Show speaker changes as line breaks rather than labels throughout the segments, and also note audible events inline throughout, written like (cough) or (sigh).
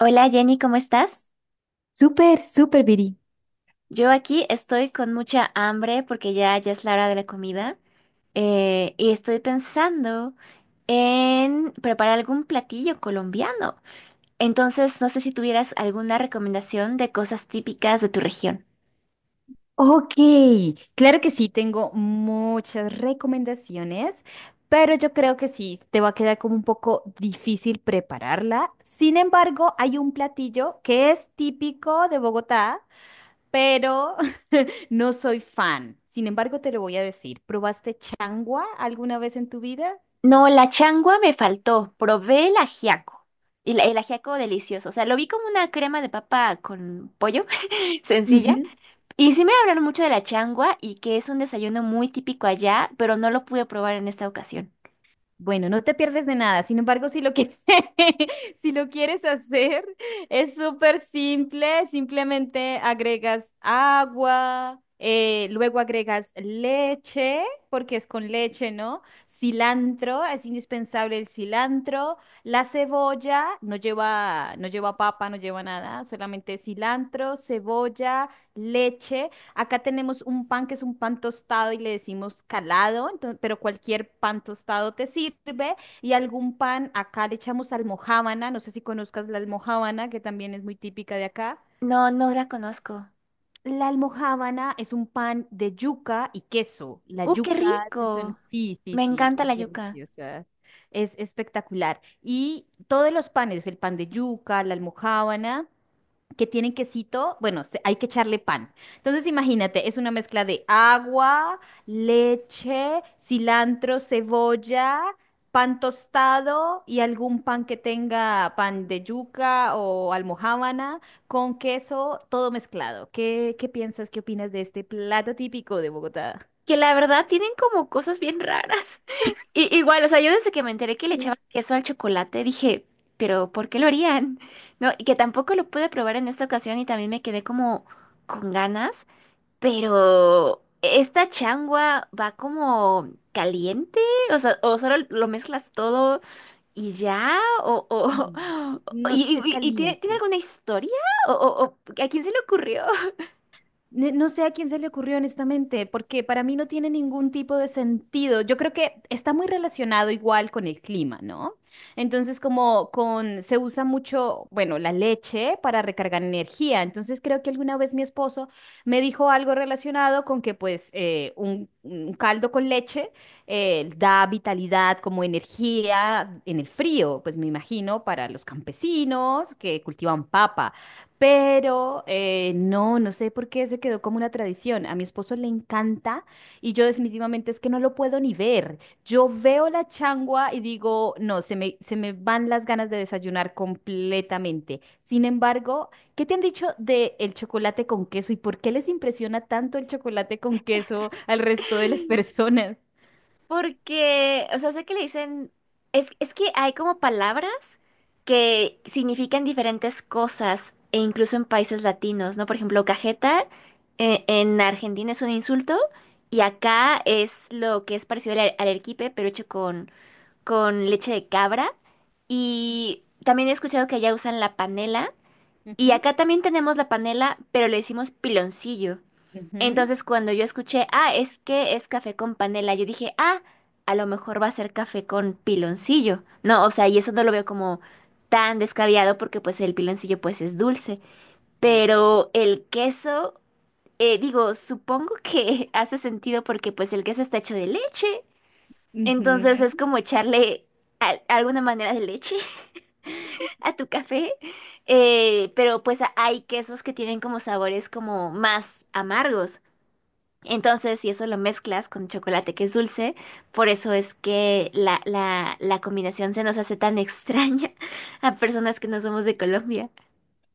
Hola Jenny, ¿cómo estás?
Súper, súper, Viri.
Yo aquí estoy con mucha hambre porque ya es la hora de la comida, y estoy pensando en preparar algún platillo colombiano. Entonces, no sé si tuvieras alguna recomendación de cosas típicas de tu región.
Ok, claro que sí, tengo muchas recomendaciones, pero yo creo que sí, te va a quedar como un poco difícil prepararla. Sin embargo, hay un platillo que es típico de Bogotá, pero (laughs) no soy fan. Sin embargo, te lo voy a decir. ¿Probaste changua alguna vez en tu vida?
No, la changua me faltó. Probé el ajiaco. Y el ajiaco delicioso. O sea, lo vi como una crema de papa con pollo, (laughs) sencilla. Y sí me hablaron mucho de la changua y que es un desayuno muy típico allá, pero no lo pude probar en esta ocasión.
Bueno, no te pierdes de nada. Sin embargo, si lo quieres, (laughs) si lo quieres hacer, es súper simple. Simplemente agregas agua, luego agregas leche, porque es con leche, ¿no? Cilantro, es indispensable el cilantro. La cebolla no lleva, no lleva papa, no lleva nada, solamente cilantro, cebolla, leche. Acá tenemos un pan que es un pan tostado y le decimos calado, entonces pero cualquier pan tostado te sirve. Y algún pan, acá le echamos almojábana, no sé si conozcas la almojábana, que también es muy típica de acá.
No, no la conozco.
La almojábana es un pan de yuca y queso. La
¡Uh, qué
yuca, ¿te suena?
rico!
Sí, sí,
Me
sí,
encanta
es
la yuca.
deliciosa. Es espectacular. Y todos los panes, el pan de yuca, la almojábana que tienen quesito, bueno, se- hay que echarle pan. Entonces, imagínate, es una mezcla de agua, leche, cilantro, cebolla, pan tostado y algún pan que tenga pan de yuca o almojábana con queso, todo mezclado. ¿Qué, qué piensas, qué opinas de este plato típico de Bogotá?
Que la verdad tienen como cosas bien raras. (laughs) Y, igual, o sea, yo desde que me enteré que le echaban queso al chocolate, dije, pero ¿por qué lo harían? (laughs) No, y que tampoco lo pude probar en esta ocasión y también me quedé como con ganas. Pero esta changua va como caliente, o sea, o solo lo mezclas todo. ¿Y ya?
Mm.
(laughs)
No, es es
Y tiene
caliente.
alguna historia? O a quién se le ocurrió? (laughs)
Ne- No sé a quién se le ocurrió honestamente, porque para mí no tiene ningún tipo de sentido. Yo creo que está muy relacionado igual con el clima, ¿no? Entonces, como con se usa mucho, bueno, la leche para recargar energía. Entonces, creo que alguna vez mi esposo me dijo algo relacionado con que, pues, un caldo con leche da vitalidad como energía en el frío, pues me imagino para los campesinos que cultivan papa. Pero no, no sé por qué se quedó como una tradición. A mi esposo le encanta y yo definitivamente es que no lo puedo ni ver. Yo veo la changua y digo, no, se me van las ganas de desayunar completamente. Sin embargo, ¿qué te han dicho de el chocolate con queso y por qué les impresiona tanto el chocolate con queso al resto de las (laughs) personas?
Porque, o sea, sé que le dicen, es que hay como palabras que significan diferentes cosas, e incluso en países latinos, ¿no? Por ejemplo, cajeta, en Argentina es un insulto y acá es lo que es parecido al arequipe, pero hecho con leche de cabra. Y también he escuchado que allá usan la panela. Y
Ujú,
acá también tenemos la panela, pero le decimos piloncillo.
ujú,
Entonces cuando yo escuché, ah, es que es café con panela, yo dije, ah, a lo mejor va a ser café con piloncillo. No, o sea, y eso no lo veo como tan descabellado porque pues el piloncillo pues es dulce.
sí.
Pero el queso, digo, supongo que (laughs) hace sentido porque pues el queso está hecho de leche. Entonces es
Ujú.
como echarle alguna manera de leche a tu café, pero pues a- hay quesos que tienen como sabores como más amargos. Entonces, si eso lo mezclas con chocolate que es dulce, por eso es que la combinación se nos hace tan extraña (laughs) a personas que no somos de Colombia.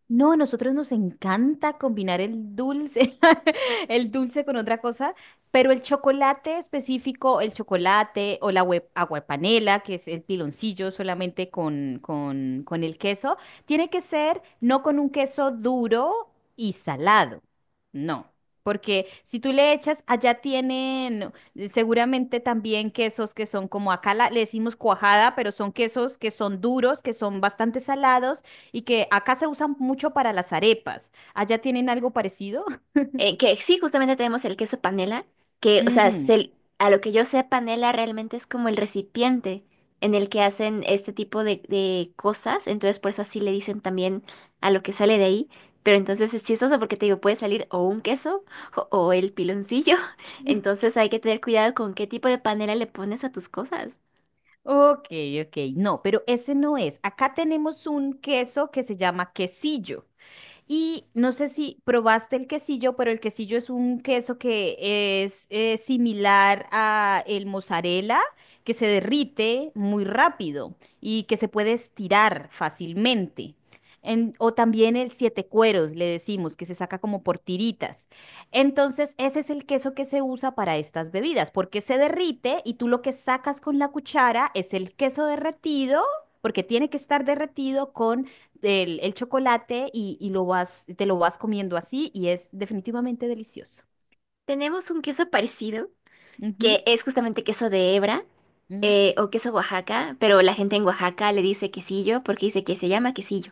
No, a nosotros nos encanta combinar el dulce, (laughs) el dulce con otra cosa, pero el chocolate específico, el chocolate o la hue- aguapanela, que es el piloncillo solamente con el queso, tiene que ser no con un queso duro y salado, no. Porque si tú le echas, allá tienen seguramente también quesos que son como acá la- le decimos cuajada, pero son quesos que son duros, que son bastante salados y que acá se usan mucho para las arepas. ¿Allá tienen algo parecido? (laughs)
Que sí, justamente tenemos el queso panela, que, o sea,
Mm,
se- a lo que yo sé, panela realmente es como el recipiente en el que hacen este tipo de cosas, entonces por eso así le dicen también a lo que sale de ahí, pero entonces es chistoso porque te digo, puede salir o un queso (laughs) o el piloncillo, (laughs) entonces hay que tener cuidado con qué tipo de panela le pones a tus cosas.
ok, ok, no, pero ese no es. Acá tenemos un queso que se llama quesillo. Y no sé si probaste el quesillo, pero el quesillo es un queso que es similar a el mozzarella, que se derrite muy rápido y que se puede estirar fácilmente. En- o también el siete cueros, le decimos, que se saca como por tiritas. Entonces, ese es el queso que se usa para estas bebidas, porque se derrite y tú lo que sacas con la cuchara es el queso derretido, porque tiene que estar derretido con el chocolate y lo vas, te lo vas comiendo así y es definitivamente delicioso.
Tenemos un queso parecido, que
Ujú,
es justamente queso de hebra,
ujú,
o queso Oaxaca, pero la gente en Oaxaca le dice quesillo porque dice que se llama quesillo.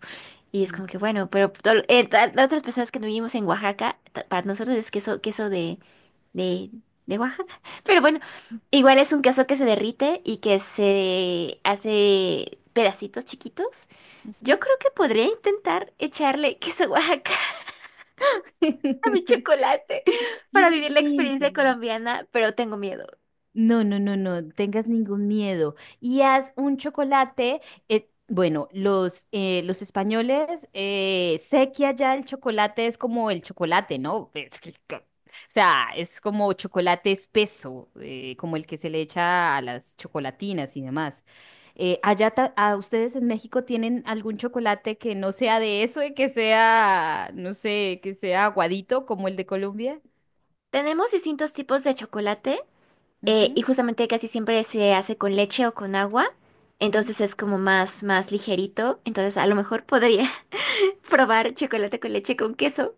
Y es como que, bueno, pero las otras personas que no vivimos en Oaxaca, ta- para nosotros es queso, queso de, de Oaxaca. (laughs) Pero bueno, igual es un queso que se derrite y que se hace pedacitos chiquitos. Yo
ujú.
creo que podría intentar echarle queso Oaxaca (laughs) a mi
(laughs)
chocolate (laughs) para vivir la experiencia
Inténtalo.
colombiana, pero tengo miedo.
No, no, no, no tengas ningún miedo. Y haz un chocolate. Bueno, los españoles, sé que allá el chocolate es como el chocolate, ¿no? (laughs) Es que co- o sea, es como chocolate espeso, como el que se le echa a las chocolatinas y demás. Allá ta- a ustedes en México tienen algún chocolate que no sea de eso y que sea, no sé, que sea aguadito como el de Colombia.
Tenemos distintos tipos de chocolate. Y justamente casi siempre se hace con leche o con agua,
Ujú.
entonces es como más ligerito, entonces a lo mejor podría (laughs) probar chocolate con leche con queso,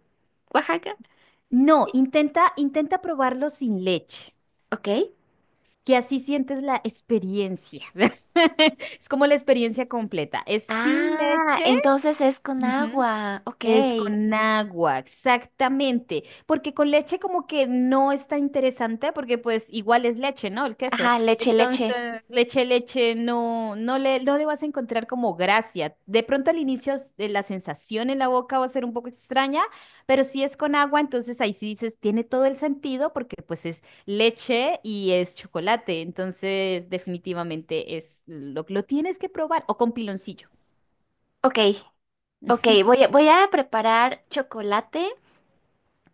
Oaxaca.
No,
Y-
intenta, intenta probarlo sin leche,
Ok.
que así sientes la experiencia. (laughs) Es como la experiencia completa. Es sin
Ah,
leche.
entonces es con
Ujú.
agua, ok.
Es con agua, exactamente, porque con leche como que no está interesante porque pues igual es leche, ¿no? El queso.
Ajá, leche, leche.
Entonces, leche, leche, no, no le, no le vas a encontrar como gracia. De pronto al inicio s- la sensación en la boca va a ser un poco extraña, pero si es con agua, entonces ahí sí dices, tiene todo el sentido porque pues es leche y es chocolate, entonces definitivamente es lo tienes que probar o con piloncillo.
Ok, ok,
(laughs)
voy a preparar chocolate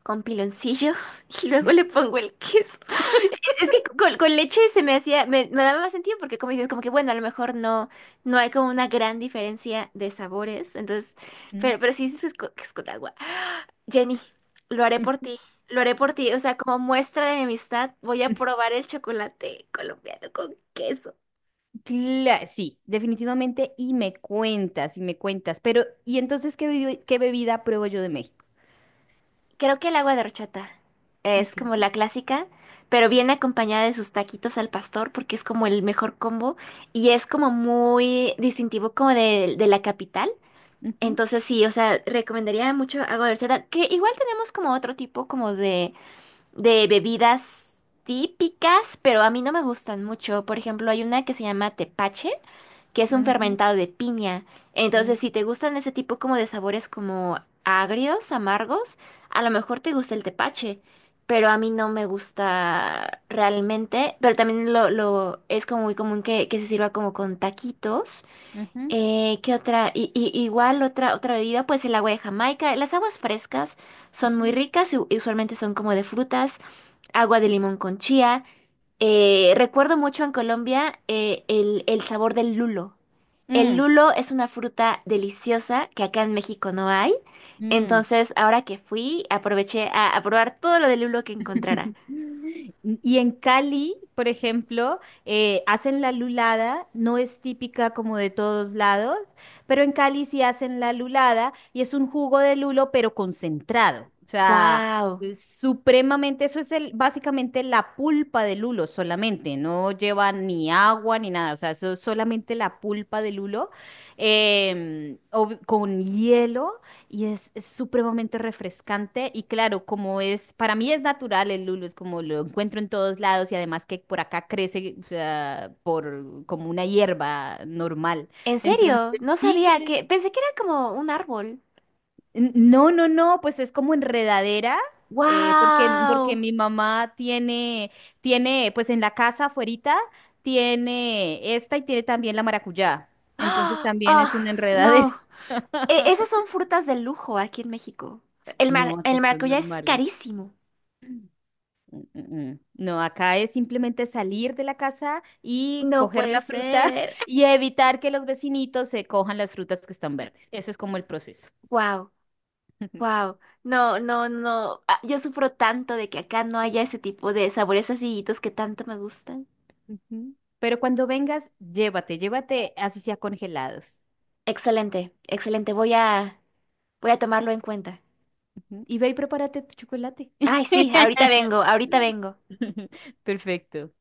con piloncillo (laughs) y luego le pongo el queso. (laughs) Es que con leche se me hacía, me daba más sentido porque como dices, como que bueno, a lo mejor no, no hay como una gran diferencia de sabores, entonces, pero sí dices que es co- que es con agua. Jenny, lo haré por
Mm.
ti, lo haré por ti, o sea, como muestra de mi amistad, voy a probar el chocolate colombiano con queso.
Cla- sí, definitivamente. Y me cuentas, y me cuentas. Pero, ¿y entonces qué, bebi- qué bebida pruebo yo de México?
Creo que el agua de horchata es
Ok,
como la clásica, pero viene acompañada de sus taquitos al pastor porque es como el mejor combo y es como muy distintivo como de la capital.
ujú,
Entonces sí, o sea, recomendaría mucho agua de horchata, que igual tenemos como otro tipo como de bebidas típicas, pero a mí no me gustan mucho. Por ejemplo, hay una que se llama tepache que es un
ujú,
fermentado de piña. Entonces,
mm,
si te gustan ese tipo como de sabores como agrios, amargos, a lo mejor te gusta el tepache, pero a mí no me gusta realmente, pero también lo es como muy común que se sirva como con taquitos.
ujú,
¿Qué otra? Igual otra bebida, pues el agua de Jamaica. Las aguas frescas son muy
ujú,
ricas y y usualmente son como de frutas, agua de limón con chía. Recuerdo mucho en Colombia, el sabor del lulo. El
mm,
lulo es una fruta deliciosa que acá en México no hay.
mm.
Entonces, ahora que fui, aproveché a probar todo lo del lulo que encontrara.
Y en Cali, por ejemplo, hacen la lulada, no es típica como de todos lados, pero en Cali sí hacen la lulada y es un jugo de lulo, pero concentrado. O sea,
¡Wow!
es supremamente, eso es el, básicamente la pulpa de lulo solamente, no lleva ni agua ni nada, o sea, eso es solamente la pulpa de lulo ob- con hielo. Y es supremamente refrescante y claro, como es, para mí es natural el lulo, es como lo encuentro en todos lados y además que por acá crece, o sea, por como una hierba normal.
¿En serio?
Entonces,
No
sí,
sabía
que
que... Pensé que era como un árbol.
N- no, no, no, pues es como enredadera, porque, porque
¡Wow!
mi mamá tiene, tiene, pues en la casa afuerita tiene esta y tiene también la maracuyá. Entonces
¡Ah!
también es
¡Ah!
una
No.
enredadera.
Esas son
(laughs)
frutas de lujo aquí en México.
No, que
El
son
maracuyá es
normales.
carísimo.
Mm, mm, mm. No, acá es simplemente salir de la casa y
No
coger
puede
la fruta
ser.
(laughs) y evitar que los vecinitos se cojan las frutas que están verdes. Eso es como el proceso.
¡Wow!
(laughs)
Wow, no, no, no. Ah, yo sufro tanto de que acá no haya ese tipo de sabores acidititos que tanto me gustan.
Ujú. Pero cuando vengas, llévate, llévate así sea congelados.
Excelente, excelente. Voy a tomarlo en cuenta.
Ujú. Y ve y prepárate tu chocolate.
Ay, sí, ahorita
(laughs)
vengo, ahorita vengo.
Perfecto.